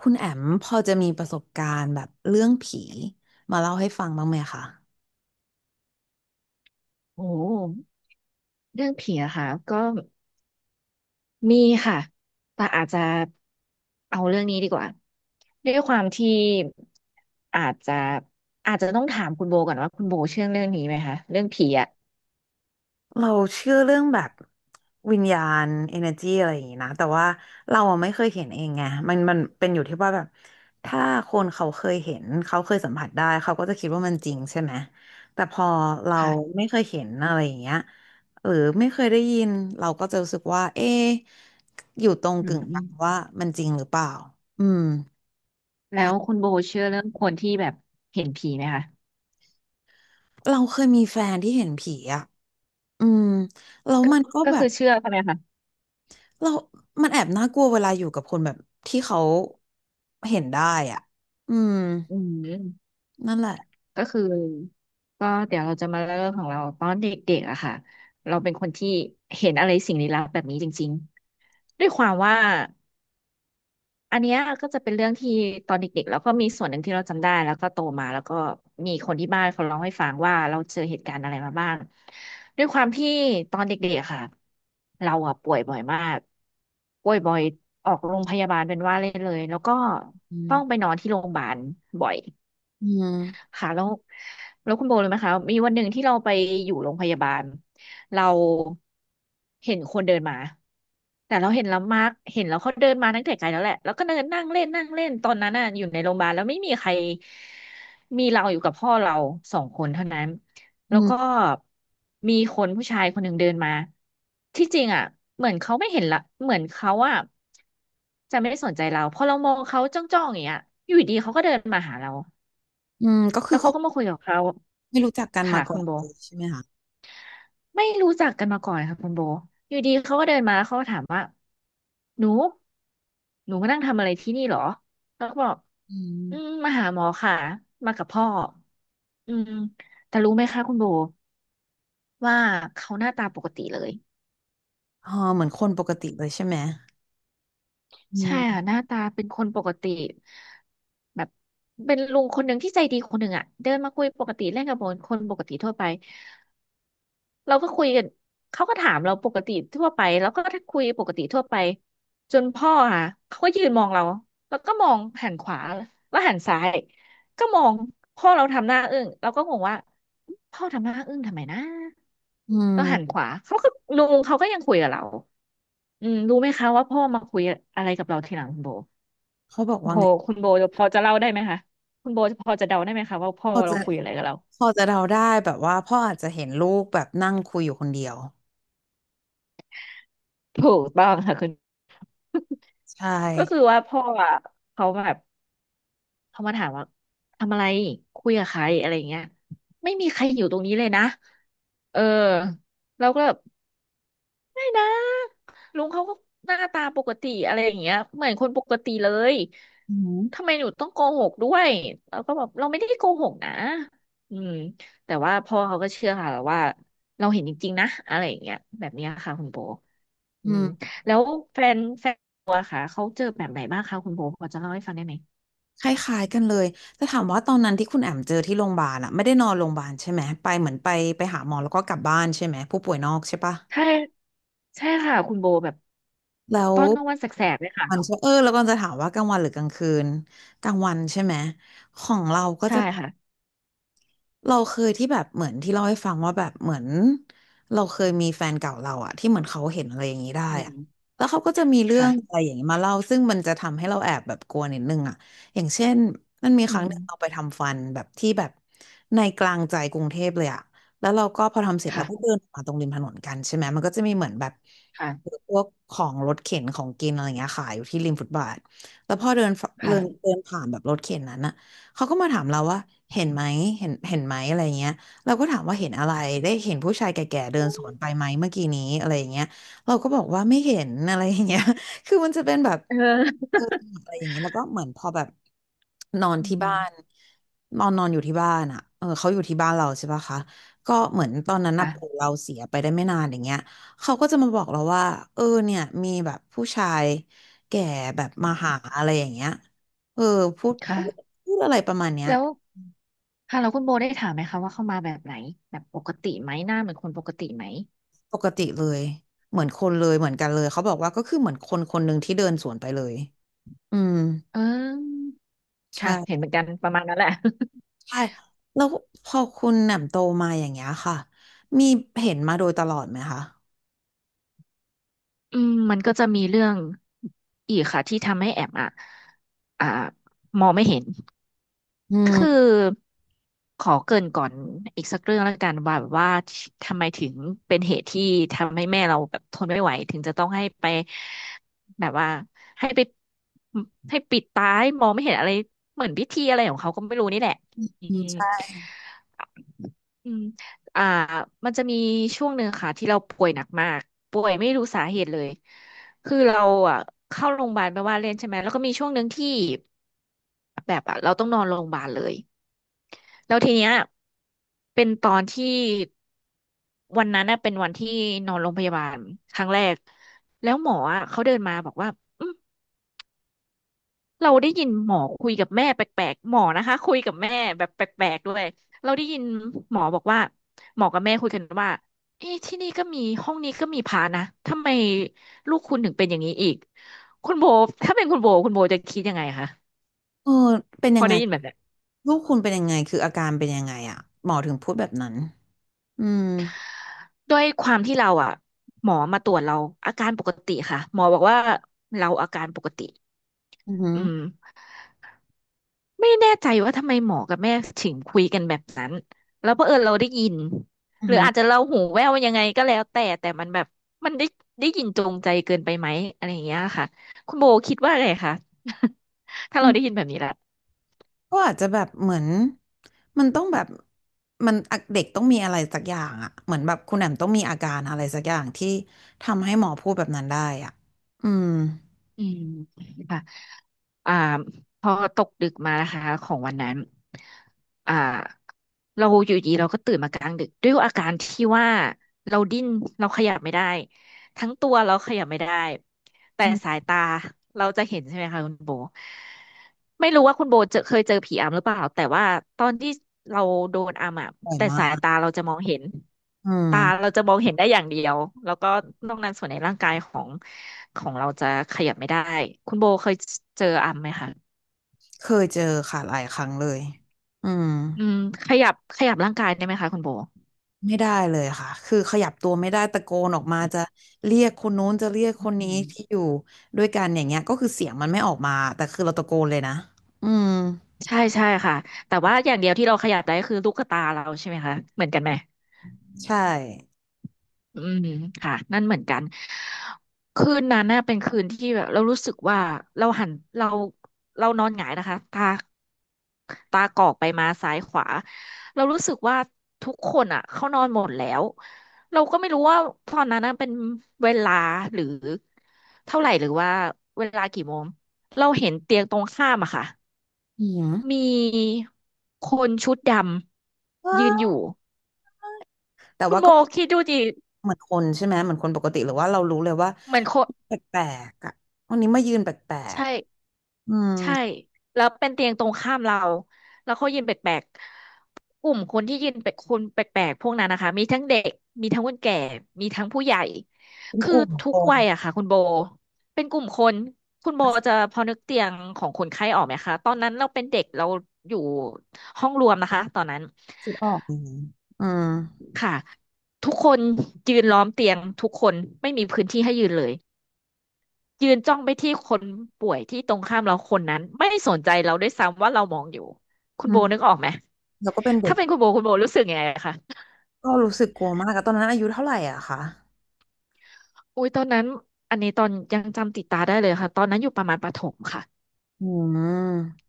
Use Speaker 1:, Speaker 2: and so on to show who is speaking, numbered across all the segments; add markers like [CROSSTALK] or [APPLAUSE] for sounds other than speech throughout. Speaker 1: คุณแอมพอจะมีประสบการณ์แบบเรื่องผีมาเล่าให้ฟังบ้างไหมคะ
Speaker 2: โอ้เรื่องผีอะค่ะก็มีค่ะแต่อาจจะเอาเรื่องนี้ดีกว่าด้วยความที่อาจจะอาจจะต้องถามคุณโบก่อนว่าคุณโบเชื่อเรื่องนี้ไหมคะเรื่องผีอะ
Speaker 1: เราเชื่อเรื่องแบบวิญญาณ energy อะไรอย่างนี้นะแต่ว่าเราอะไม่เคยเห็นเองไงมันเป็นอยู่ที่ว่าแบบถ้าคนเขาเคยเห็นเขาเคยสัมผัสได้เขาก็จะคิดว่ามันจริงใช่ไหมแต่พอเรา
Speaker 2: ค่ะ
Speaker 1: ไม่เคยเห็นอะไรอย่างเงี้ยหรือไม่เคยได้ยินเราก็จะรู้สึกว่าเอ๊ะอยู่ตรง
Speaker 2: อื
Speaker 1: กึ่งกลางว่า
Speaker 2: ม
Speaker 1: มันจริงหรือเปล่าอืม
Speaker 2: แล้วคุณโบเชื่อเรื่องคนที่แบบเห็นผีไหมคะ
Speaker 1: เราเคยมีแฟนที่เห็นผีอะ อืมแล้ว
Speaker 2: ก็
Speaker 1: มันก็
Speaker 2: ก็
Speaker 1: แบ
Speaker 2: คื
Speaker 1: บ
Speaker 2: อเชื่อใช่ไหมคะ
Speaker 1: เรามันแอบน่ากลัวเวลาอยู่กับคนแบบที่เขาเห็นได้อ่ะอืม
Speaker 2: อืม
Speaker 1: นั่นแหละ
Speaker 2: ก็คือก็เดี๋ยวเราจะมาเริ่มของเราตอนเด็กๆอะค่ะเราเป็นคนที่เห็นอะไรสิ่งลี้ลับแบบนี้จริงๆด้วยความว่า อันเนี้ยก็จะเป็นเรื่องที่ตอนเด็กๆแล้วก็มีส่วนหนึ่งที่เราจำได้แล้วก็โตมาแล้วก็มีคนที่บ้านเขาเล่าให้ฟังว่าเราเจอเหตุการณ์อะไรมาบ้างด้วยความที่ตอนเด็กๆอะค่ะเราอะป่วยบ่อยมากป่วยบ่อยออกโรงพยาบาลเป็นว่าเล่นเลยแล้วก็
Speaker 1: อื
Speaker 2: ต้องไป
Speaker 1: ม
Speaker 2: นอนที่โรงพยาบาลบ่อย
Speaker 1: อืม
Speaker 2: ค่ะแล้วคุณโบรู้ไหมคะมีวันหนึ่งที่เราไปอยู่โรงพยาบาลเราเห็นคนเดินมาแต่เราเห็นแล้วมาร์กเห็นแล้วเขาเดินมาตั้งแต่ไกลแล้วแหละแล้วก็เดินนั่งเล่นนั่งเล่นตอนนั้นน่ะอยู่ในโรงพยาบาลแล้วไม่มีใครมีเราอยู่กับพ่อเราสองคนเท่านั้น
Speaker 1: อื
Speaker 2: แล้วก็
Speaker 1: ม
Speaker 2: มีคนผู้ชายคนหนึ่งเดินมาที่จริงอ่ะเหมือนเขาไม่เห็นละเหมือนเขาจะไม่ได้สนใจเราพอเรามองเขาจ้องๆอย่างเงี้ยอยู่ดีเขาก็เดินมาหาเรา
Speaker 1: อืมก็คื
Speaker 2: แล้
Speaker 1: อ
Speaker 2: ว
Speaker 1: ค
Speaker 2: เขา
Speaker 1: น
Speaker 2: ก็มาคุยกับเขา
Speaker 1: ไม่รู้จักกันมา
Speaker 2: ค่ะ
Speaker 1: ก่
Speaker 2: คุ
Speaker 1: อ
Speaker 2: ณ
Speaker 1: น
Speaker 2: โบ
Speaker 1: เลยใช่ไหมคะ
Speaker 2: ไม่รู้จักกันมาก่อนค่ะคุณโบอยู่ดีเขาก็เดินมาเขาก็ถามว่าหนูหนูมานั่งทำอะไรที่นี่เหรอแล้วก็บอก
Speaker 1: อืม
Speaker 2: อืมมาหาหมอค่ะมากับพ่ออืมแต่รู้ไหมคะคุณโบว่าเขาหน้าตาปกติเลย
Speaker 1: อ๋อเหมือนคนปกติเลยใช่ไหมอื
Speaker 2: ใช่
Speaker 1: ม
Speaker 2: ค่ะหน้าตาเป็นคนปกติแบบเป็นลุงคนหนึ่งที่ใจดีคนหนึ่งอ่ะเดินมาคุยปกติเล่นกับคนปกติทั่วไป เราก็คุยกันเขาก็ถามเราปกติทั่วไปแล้วก็ถ้าคุยปกติทั่วไปจนพ่อค่ะเขาก็ยืนมองเราแล้วก็มองหันขวาแล้วหันซ้ายก็มองพ่อเราทำหน้าอึ้งเราก็งงว่าพ่อทำหน้าอึ้งทำไมนะ
Speaker 1: อื
Speaker 2: แล้วหันข
Speaker 1: ม
Speaker 2: วาเขาก็ลุงเขาก็ยังคุยกับเราอืมรู้ไหมคะว่าพ่อมาคุยอะไรกับเราทีหลังคุณโบ
Speaker 1: เขาบอก
Speaker 2: คุณ
Speaker 1: ว่า
Speaker 2: โบ
Speaker 1: ไง
Speaker 2: คุณโบพอจะเล่าได้ไหมคะคุณโบพอจะเดาได้ไหมคะว่าพ่อ
Speaker 1: พอ
Speaker 2: เรา
Speaker 1: จะ
Speaker 2: คุยอะไรกับเรา
Speaker 1: พอจะเดาได้แบบว่าพ่ออาจจะเห็นลูกแบบนั่งคุยอยู่คนเดียว
Speaker 2: ถูกต้องค่ะคุณ
Speaker 1: ใช่
Speaker 2: ก็คือว่าพ่ออ่ะเขาแบบ พอมาถามว่าทำอะไรคุยกับใครอะไรอย่างเงี้ยไม่มีใครอยู่ตรงนี้เลยนะเออเราก็แบบไม่นะลุงเขาก็หน้าตาปกติอะไรอย่างเงี้ยเหมือนคนปกติเลย
Speaker 1: อืม
Speaker 2: ทำไมหนูต้องโกหกด้วยเราก็แบบเราไม่ได้โกหกนะอืมแต่ว่าพ่อเขาก็เชื่อค่ะว่าเราเห็นจริงๆนะอะไรอย่างเงี้ยแบบเนี้ยค่ะคุณโบอื
Speaker 1: อื
Speaker 2: ม
Speaker 1: ม
Speaker 2: แล้วแฟนตัวค่ะเขาเจอแบบไหนบ้างคะคุณโบพอจะเล่าให้ฟังได้ไหม
Speaker 1: คล้ายๆ กันเลยแต่ถามว่าตอนนั้นที่คุณแอมเจอที่โรงพยาบาลอะไม่ได้นอนโรงพยาบาลใช่ไหมไปเหมือนไปหาหมอแล้วก็กลับบ้านใช่ไหมผู้ป่วยนอกใช่ปะ
Speaker 2: ใช่ใช่ค่ะคุณโบแบบ
Speaker 1: แล้ว
Speaker 2: ตอนกลางวันแสกๆเลยค่ะ
Speaker 1: มันจะเออแล้วก็จะถามว่ากลางวันหรือกลางคืนกลางวันใช่ไหมของเราก็
Speaker 2: ใช่
Speaker 1: จะ
Speaker 2: ค่ะ
Speaker 1: เราเคยที่แบบเหมือนที่เล่าให้ฟังว่าแบบเหมือนเราเคยมีแฟนเก่าเราอะที่เหมือนเขาเห็นอะไรอย่างนี้ได้
Speaker 2: อืม
Speaker 1: อะแล้วเขาก็จะมีเรื่องอะ
Speaker 2: ค่ะ
Speaker 1: ไรอย่างนี้มาเล่าซึ่งมันจะทำให้เราแอบแบบกลัวนิดนึงอะอย่างเช่นมันมี
Speaker 2: อื
Speaker 1: ครั้งห
Speaker 2: ม
Speaker 1: นึ่งเราไปทำฟันแบบที่แบบในกลางใจกรุงเทพเลยอะแล้วเราก็พอทำเสร็จเรา
Speaker 2: ค่ะ
Speaker 1: ก็เดินมาตรงริมถนนกันใช่ไหมมันก็จะมีเหมือนแบบ
Speaker 2: ค่ะ
Speaker 1: พวกของรถเข็นของกินอะไรอย่างเงี้ยขายอยู่ที่ริมฟุตบาทแล้วพอเดินฟเดิน
Speaker 2: ค่ะ
Speaker 1: เดินผ่านแบบรถเข็นนั้นอะ เขาก็มาถามเราว่าเห็นไหมเห็นไหมอะไรเงี้ยเราก็ถามว่าเห็นอะไรได้เห็นผู้ชายแก่ๆเดินสวนไปไหมเมื่อกี้นี้อะไรอย่างเงี้ยเราก็บอกว่าไม่เห็นอะไรอย่างเงี้ย [LAUGHS] คือมันจะเป็นแบบ
Speaker 2: เออ
Speaker 1: เอออะไรอย่างเงี้ยแล้วก็เหมือนพอแบบนอน
Speaker 2: อื
Speaker 1: ที่บ้า
Speaker 2: ม
Speaker 1: นนอนนอนอยู่ที่บ้านอ่ะเออเขาอยู่ที่บ้านเราใช่ปะคะก็เหมือนตอนนั้นน่ะปู่
Speaker 2: ค่ะ
Speaker 1: เราเสียไปได้ไม่นานอย่างเงี้ยเขาก็จะมาบอกเราว่าเออเนี่ยมีแบบผู้ชายแก่แบบมาหาอะไรอย่างเงี้ยเออพูดพู
Speaker 2: ค่ะ
Speaker 1: ด พูดอะไรประมาณเนี้ย
Speaker 2: แล้วค่ะแล้วคุณโบได้ถามไหมคะว่าเข้ามาแบบไหนแบบปกติไหมหน้าเหมือนคนปกติไหม
Speaker 1: ปกติเลยเหมือนคนเลยเหมือนกันเลยเขาบอกว่าก็คือเหมือนคนคนหนึ่งที่เดินสวนไปเลยอืม
Speaker 2: เออค่ะเห็นเห
Speaker 1: ใช่
Speaker 2: มือนกันประมาณนั้นแหละ
Speaker 1: ใช่แล้วพอคุณแหม่มโตมาอย่างเงี้ยค่ะมีเห็นมาโดยตลอดไหมคะ
Speaker 2: อืมมันก็จะมีเรื่องอีกค่ะที่ทำให้แอมอ่ะอ่ามองไม่เห็น
Speaker 1: อื
Speaker 2: คือ
Speaker 1: ม
Speaker 2: ขอเกริ่นก่อนอีกสักเรื่องแล้วกันว่าแบบว่าทำไมถึงเป็นเหตุที่ทำให้แม่เราแบบทนไม่ไหวถึงจะต้องให้ไปแบบว่าให้ไปให้ปิดตาให้มองไม่เห็นอะไรเหมือนพิธีอะไรของเขาก็ไม่รู้นี่แหละอื
Speaker 1: อืม
Speaker 2: ม
Speaker 1: ใช่
Speaker 2: อืมอ่ามันจะมีช่วงหนึ่งค่ะที่เราป่วยหนักมากป่วยไม่รู้สาเหตุเลยคือเราอ่ะเข้าโรงพยาบาลไปว่าเล่นใช่ไหมแล้วก็มีช่วงหนึ่งที่แบบอ่ะเราต้องนอนโรงพยาบาลเลย แล้วทีเนี้ยเป็นตอนที่วันนั้นน่ะเป็นวันที่นอนโรงพยาบาลครั้งแรกแล้วหมออ่ะเขาเดินมาบอกว่า เราได้ยินหมอคุยกับแม่แปลกๆหมอนะคะคุยกับแม่แบบแปลกๆด้วยเราได้ยินหมอบอกว่าหมอกับแม่คุยกันว่าเอ๊ะที่นี่ก็มีห้องนี้ก็มีพระนะทำไมลูกคุณถึงเป็นอย่างนี้อีกคุณโบถ้าเป็นคุณโบคุณโบจะคิดยังไงคะ
Speaker 1: เออเป็น
Speaker 2: พ
Speaker 1: ยั
Speaker 2: อ
Speaker 1: งไง
Speaker 2: ได้ยินแบบเนี้ย
Speaker 1: ลูกคุณเป็นยังไงคืออาการเป็นยังไงอ่ะหมอถึงพูดแบบนั้นอืม
Speaker 2: ด้วยความที่เราอ่ะหมอมาตรวจเราอาการปกติค่ะหมอบอกว่าเราอาการปกติ
Speaker 1: อือหือ
Speaker 2: อืม ไม่แน่ใจว่าทำไมหมอกับแม่ถึงคุยกันแบบนั้นแล้วเผอิญเราได้ยิน
Speaker 1: อื
Speaker 2: ห
Speaker 1: อ
Speaker 2: รือ
Speaker 1: หือ
Speaker 2: อาจจะเราหูแว่วยังไงก็แล้วแต่แต่มันแบบมันได้ได้ยินจงใจเกินไปไหมอะไรอย่างเงี้ยค่ะคุณโบคิดว่าไงคะ [LAUGHS] ถ้าเราได้ยินแบบนี้ละ
Speaker 1: ก็อาจจะแบบเหมือนมันต้องแบบมันเด็กต้องมีอะไรสักอย่างอะเหมือนแบบคุณแหมมต้องมีอาการอะไรสักอย่างที่ทำให้หมอพูดแบบนั้นได้อ่ะอืม
Speaker 2: อืมค่ะอ่าพอตกดึกมานะคะของวันนั้นอ่าเราอยู่ดีเราก็ตื่นมากลางดึกด้วยอาการที่ว่าเราดิ้นเราขยับไม่ได้ ทั้งตัวเราขยับไม่ได้แต่
Speaker 1: อื
Speaker 2: สา
Speaker 1: ม
Speaker 2: ยตาเราจะเห็นใช่ไหมคะคุณโบไม่รู้ว่าคุณโบเจอเคยเจอผีอำหรือเปล่าแต่ว่าตอนที่เราโดนอำอ่ะ
Speaker 1: บ่อย
Speaker 2: แต่
Speaker 1: มา
Speaker 2: สาย
Speaker 1: ก
Speaker 2: ตาเราจะมองเห็น
Speaker 1: อืม
Speaker 2: ตาเราจะมองเห็นได้อย่างเดียวแล้วก็นอกนั้นส่วนในร่างกายของเราจะขยับไม่ได้คุณโบเคยเจออำไหมคะ
Speaker 1: เคยเจอค่ะหลายครั้งเลยอืม
Speaker 2: อืมขยับร่างกายได้ไหมคะคุณโบ
Speaker 1: ไม่ได้เลยค่ะคือขยับตัวไม่ได้ตะโกนออกมาจะเรียกคนนู้นจะเรียกคนนี้
Speaker 2: อื
Speaker 1: ที่อ
Speaker 2: ม
Speaker 1: ยู่ด้วยกันอย่างเงี้ยก็คือเสียงมันไม่ออกมาแต่คือเราตะโกนเลยนะอืม
Speaker 2: ใช่ใช่ค่ะแต่ว่าอย่างเดียวที่เราขยับได้คือลูกตาเราใช่ไหมคะเหมือนกันไหม
Speaker 1: ใช่
Speaker 2: อืมค่ะนั่นเหมือนกันคืนนั้นน่ะเป็นคืนที่แบบเรารู้สึกว่าเราหันเราเรานอนหงายนะคะตากอกไปมาซ้ายขวาเรารู้สึกว่าทุกคนอ่ะเขานอนหมดแล้วเราก็ไม่รู้ว่าตอนนั้นน่ะเป็นเวลาหรือเท่าไหร่หรือว่าเวลากี่โมงเราเห็นเตียงตรงข้ามอะค่ะ
Speaker 1: อื
Speaker 2: มี
Speaker 1: ม
Speaker 2: คนชุดดำยืนอยู่
Speaker 1: แต่
Speaker 2: คุณ
Speaker 1: ว่า
Speaker 2: โม
Speaker 1: ก็
Speaker 2: คิดดูดิ
Speaker 1: เหมือนคนใช่ไหมเหมือนคนปกติหรือว่าเรารู้เลยว่า
Speaker 2: เหมือนคน
Speaker 1: แปลกๆอ่ะวันนี้มายืนแปลก
Speaker 2: ใช่
Speaker 1: ๆอืม
Speaker 2: ใช่แล้วเป็นเตียงตรงข้ามเราแล้วเขายืนแปลกๆกลุ่มคนที่ยืนแปลกคนแปลกๆพวกนั้นนะคะมีทั้งเด็กมีทั้งคนแก่มีทั้งผู้ใหญ่
Speaker 1: เป็น
Speaker 2: คือ
Speaker 1: กลุ่ม
Speaker 2: ทุ
Speaker 1: ค
Speaker 2: ก
Speaker 1: น
Speaker 2: วัยอะค่ะคุณโบเป็นกลุ่มคนคุณโบจะพอนึกเตียงของคนไข้ออกไหมคะตอนนั้นเราเป็นเด็กเราอยู่ห้องรวมนะคะตอนนั้น
Speaker 1: คิดออกอย่างนี้อืม
Speaker 2: ค่ะทุกคนยืนล้อมเตียงทุกคนไม่มีพื้นที่ให้ยืนเลย ยืนจ้องไปที่คนป่วยที่ตรงข้ามเราคนนั้นไม่สนใจเราด้วยซ้ำว่าเรามองอยู่คุณ
Speaker 1: อื
Speaker 2: โบ
Speaker 1: ม
Speaker 2: นึกออกไหม
Speaker 1: แล้วก็เป็นเด็
Speaker 2: ถ้า
Speaker 1: ก
Speaker 2: เป็นคุณโบคุณโบรู้สึกยังไงคะ
Speaker 1: ก็รู้สึกกลัวมากอะตอนนั้นอายุเท่าไหร่อะคะ
Speaker 2: อุ้ยตอนนั้นอันนี้ตอนยังจำติดตาได้เลยค่ะตอนนั้นอยู่ประมาณประถมค่ะ
Speaker 1: อืม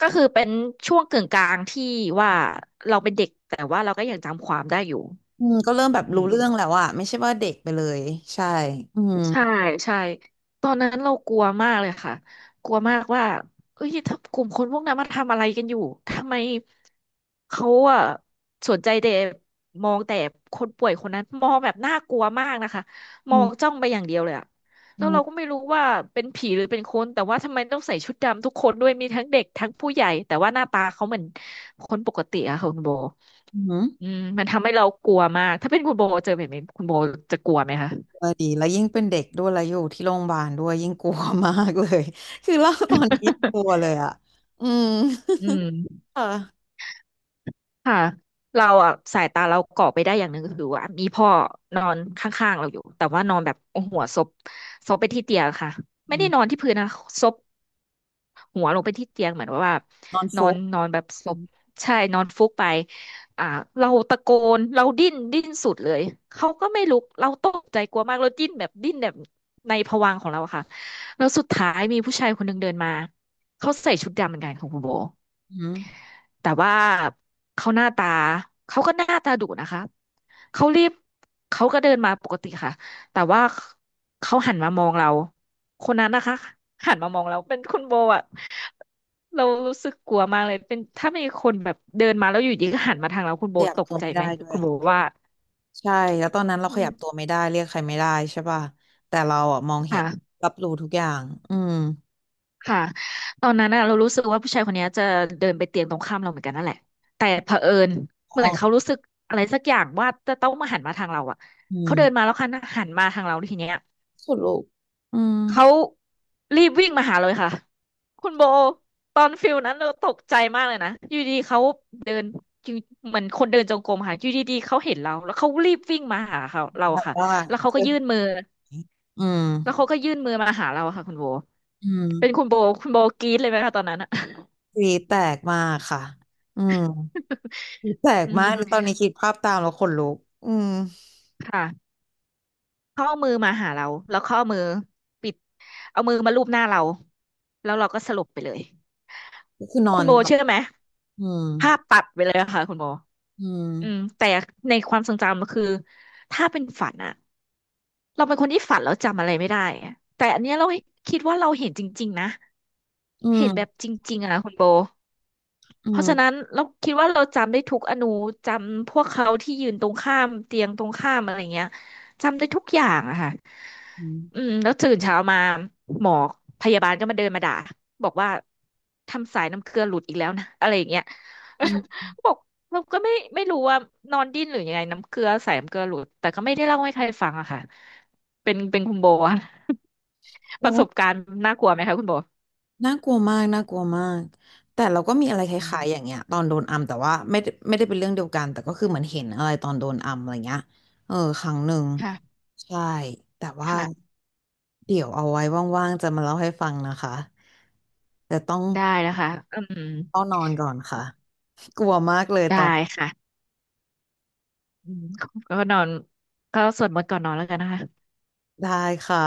Speaker 2: ก็คือเป็นช่วงกึ่งกลางที่ว่าเราเป็นเด็กแต่ว่าเราก็ยังจำความได้อยู่
Speaker 1: อืมก็เริ่มแบบ
Speaker 2: อื
Speaker 1: รู้เรื่องแล้
Speaker 2: ม
Speaker 1: วอะไม่ใช่ว่าเด็กไปเลยใช่อืม
Speaker 2: ใช่ใช่ตอนนั้นเรากลัวมากเลยค่ะกลัวมากว่าเอ้ยถ้ากลุ่มคนพวกนั้นมาทำอะไรกันอยู่ทำไมเขาอะสนใจแต่มองแต่คนป่วยคนนั้นมองแบบน่ากลัวมากนะคะม
Speaker 1: อื
Speaker 2: อ
Speaker 1: ม
Speaker 2: งจ้องไปอย่างเดียวเลยอะ
Speaker 1: อื
Speaker 2: แล้วเราก็
Speaker 1: ม
Speaker 2: ไม่รู้ว่าเป็นผีหรือเป็นคนแต่ว่าทำไมต้องใส่ชุดดำทุกคนด้วยมีทั้งเด็กทั้งผู้ใหญ่แต่ว่าหน้าตาเขาเหมือนคนปกติอะค่ะคุณโบ
Speaker 1: อืม
Speaker 2: อืมมันทำให้เรากลัวมากถ้าเป็นคุณโบเจอแบบนี้คุณโบจะกลัวไหมคะ
Speaker 1: เออดีแล้วยิ่งเป็นเด็กด้วยแล้วอยู่ที่โรงพยาบาลด้วยยิ่งกลัวมากเลย [LAUGHS] คือเล่าตอนนี้ยังกลัว
Speaker 2: [LAUGHS]
Speaker 1: เลยอะอืม
Speaker 2: อืม
Speaker 1: ค่ะ
Speaker 2: ค่ะเราอ่ะสายตาเราเกาะไปได้อย่างหนึ่งคือว่ามีพ่อนอนข้างๆเราอยู่แต่ว่านอนแบบเอาหัวซบซบไปที่เตียงค่ะไม่
Speaker 1: อื
Speaker 2: ได้
Speaker 1: ม
Speaker 2: นอนที่พื้นนะซบหัวลงไปที่เตียงเหมือนว่า
Speaker 1: นอน
Speaker 2: นอ
Speaker 1: ฟุ
Speaker 2: น
Speaker 1: บ
Speaker 2: นอนแบบซ
Speaker 1: อื
Speaker 2: บ
Speaker 1: ม
Speaker 2: ใช่นอนฟุบไปอ่าเราตะโกนเราดิ้นสุดเลยเขาก็ไม่ลุกเราตกใจกลัวมากเราดิ้นแบบดิ้นแบบในภวังค์ของเราอะค่ะแล้วสุดท้ายมีผู้ชายคนหนึ่งเดินมาเขาใส่ชุดดำเหมือนกันของคุณโบ
Speaker 1: อืม
Speaker 2: แต่ว่าเขาหน้าตาเขาก็หน้าตาดุนะคะเขารีบเขาก็เดินมาปกติค่ะแต่ว่าเขาหันมามองเราคนนั้นนะคะหันมามองเราเป็นคุณโบอะเรารู้สึกกลัวมากเลยเป็นถ้ามีคนแบบเดินมาแล้วอยู่ดีก็หันมาทางเราคุณ
Speaker 1: ข
Speaker 2: โบ
Speaker 1: ยับ
Speaker 2: ตก
Speaker 1: ตัว
Speaker 2: ใจ
Speaker 1: ไม่
Speaker 2: ไหม
Speaker 1: ได้ด้ว
Speaker 2: คุ
Speaker 1: ย
Speaker 2: ณโบ
Speaker 1: อ่ะ
Speaker 2: ว่า
Speaker 1: ใช่แล้วตอนนั้นเรา
Speaker 2: อื
Speaker 1: ขยั
Speaker 2: ม
Speaker 1: บตัวไม่ได้เรียกใครไม่ได้ใช่ป่ะแต่เราอ่ะมองเห็น
Speaker 2: ค่ะ
Speaker 1: รับรู้ทุกอย่างอืม
Speaker 2: ค่ะตอนนั้นน่ะเรารู้สึกว่าผู้ชายคนเนี้ยจะเดินไปเตียงตรงข้ามเราเหมือนกันนั่นแหละแต่เผอิญ
Speaker 1: ม
Speaker 2: เหมื
Speaker 1: อ
Speaker 2: อนเขา
Speaker 1: ง
Speaker 2: รู้สึกอะไรสักอย่างว่าจะต้องมาหันมาทางเราอ่ะ
Speaker 1: อื
Speaker 2: เขาเดินมา
Speaker 1: ม
Speaker 2: แล้วค่ะหันมาทางเราทีเนี้ย
Speaker 1: สุดลูกอืม
Speaker 2: เขารีบวิ่งมาหาเลยค่ะคุณโบตอนฟิลนั้นเราตกใจมากเลยนะอยู่ดีเขาเดินอยู่เหมือนคนเดินจงกรมค่ะอยู่ดีๆเขาเห็นเราแล้วเขารีบวิ่งมาหาเขาเรา
Speaker 1: แต่
Speaker 2: ค่ะ
Speaker 1: ว่า
Speaker 2: แล้วเขา
Speaker 1: เอ
Speaker 2: ก็
Speaker 1: อ
Speaker 2: ยื่นมือ
Speaker 1: อืม
Speaker 2: แล้วเขาก็ยื่นมือมาหาเราค่ะคุณโบ
Speaker 1: อืม
Speaker 2: เป็นคุณโบคุณโบกรี๊ดเลยไหมคะตอนนั้นอะ
Speaker 1: กรีดแตกมากค่ะอืมก
Speaker 2: [LAUGHS]
Speaker 1: รีดแตก
Speaker 2: อื
Speaker 1: มา
Speaker 2: ม
Speaker 1: กตอนนี้คิดภาพตามแล้วขนลุกอืม
Speaker 2: ค่ะเข้าเอามือมาหาเราแล้วเข้าเอามือปิดเอามือมาลูบหน้าเราแล้วเราก็สลบไปเลย
Speaker 1: ก็คือนอ
Speaker 2: คุณ
Speaker 1: น
Speaker 2: โบ
Speaker 1: แบบ
Speaker 2: เชื่อไหม
Speaker 1: อืม
Speaker 2: ภาพตัดไปเลยอะค่ะคุณโบ
Speaker 1: อืม
Speaker 2: อืมแต่ในความทรงจำมันคือถ้าเป็นฝันอะเราเป็นคนที่ฝันแล้วจำอะไรไม่ได้อะแต่อันเนี้ยเราคิดว่าเราเห็นจริงๆนะ
Speaker 1: อื
Speaker 2: เห็นแบบ
Speaker 1: ม
Speaker 2: จริงๆอะคุณโบ
Speaker 1: อื
Speaker 2: เพราะ
Speaker 1: ม
Speaker 2: ฉะนั้นเราคิดว่าเราจำได้ทุกอนูจำพวกเขาที่ยืนตรงข้ามเตียงตรงข้ามอะไรเงี้ยจำได้ทุกอย่างอะค่ะ
Speaker 1: อืม
Speaker 2: อืมแล้วตื่นเช้ามาหมอพยาบาลก็มาเดินมาด่าบอกว่าทำสายน้ำเกลือหลุดอีกแล้วนะอะไรอย่างเงี้ย
Speaker 1: อืม
Speaker 2: [LAUGHS] บอกเราก็ไม่รู้ว่านอนดิ้นหรือยังไงน้ำเกลือสายน้ำเกลือหลุดแต่ก็ไม่ได้เล่าให้ใครฟังอะค่ะเป็นเป็นคุณโบอะ [LAUGHS] ประสบ
Speaker 1: เรา
Speaker 2: การณ์น่ากลัวไหมคะคุณโบ
Speaker 1: น่ากลัวมากน่ากลัวมากแต่เราก็มีอะไรค
Speaker 2: อื
Speaker 1: ล้ายๆอย่าง
Speaker 2: ม
Speaker 1: เงี้ยตอนโดนอัมแต่ว่าไม่ได้เป็นเรื่องเดียวกันแต่ก็คือเหมือนเห็นอะไรตอนโดนอัมอะไรเงี้ยเออครั้งหนึ่ง
Speaker 2: ค่ะ
Speaker 1: ใช่แต่ว่า
Speaker 2: ค่ะ
Speaker 1: เดี๋ยวเอาไว้ว่างๆจะมาเล่าให้ฟังนะคะแต่ต้อง
Speaker 2: ได้นะคะอืม
Speaker 1: ต้องนอนก่อนค่ะกลัวมากเลยตอน
Speaker 2: ได้ค่ะ อืมก็นอนก็สวดมนต์ก่อนนอนแล้วกันนะคะ [LAUGHS]
Speaker 1: ได้ค่ะ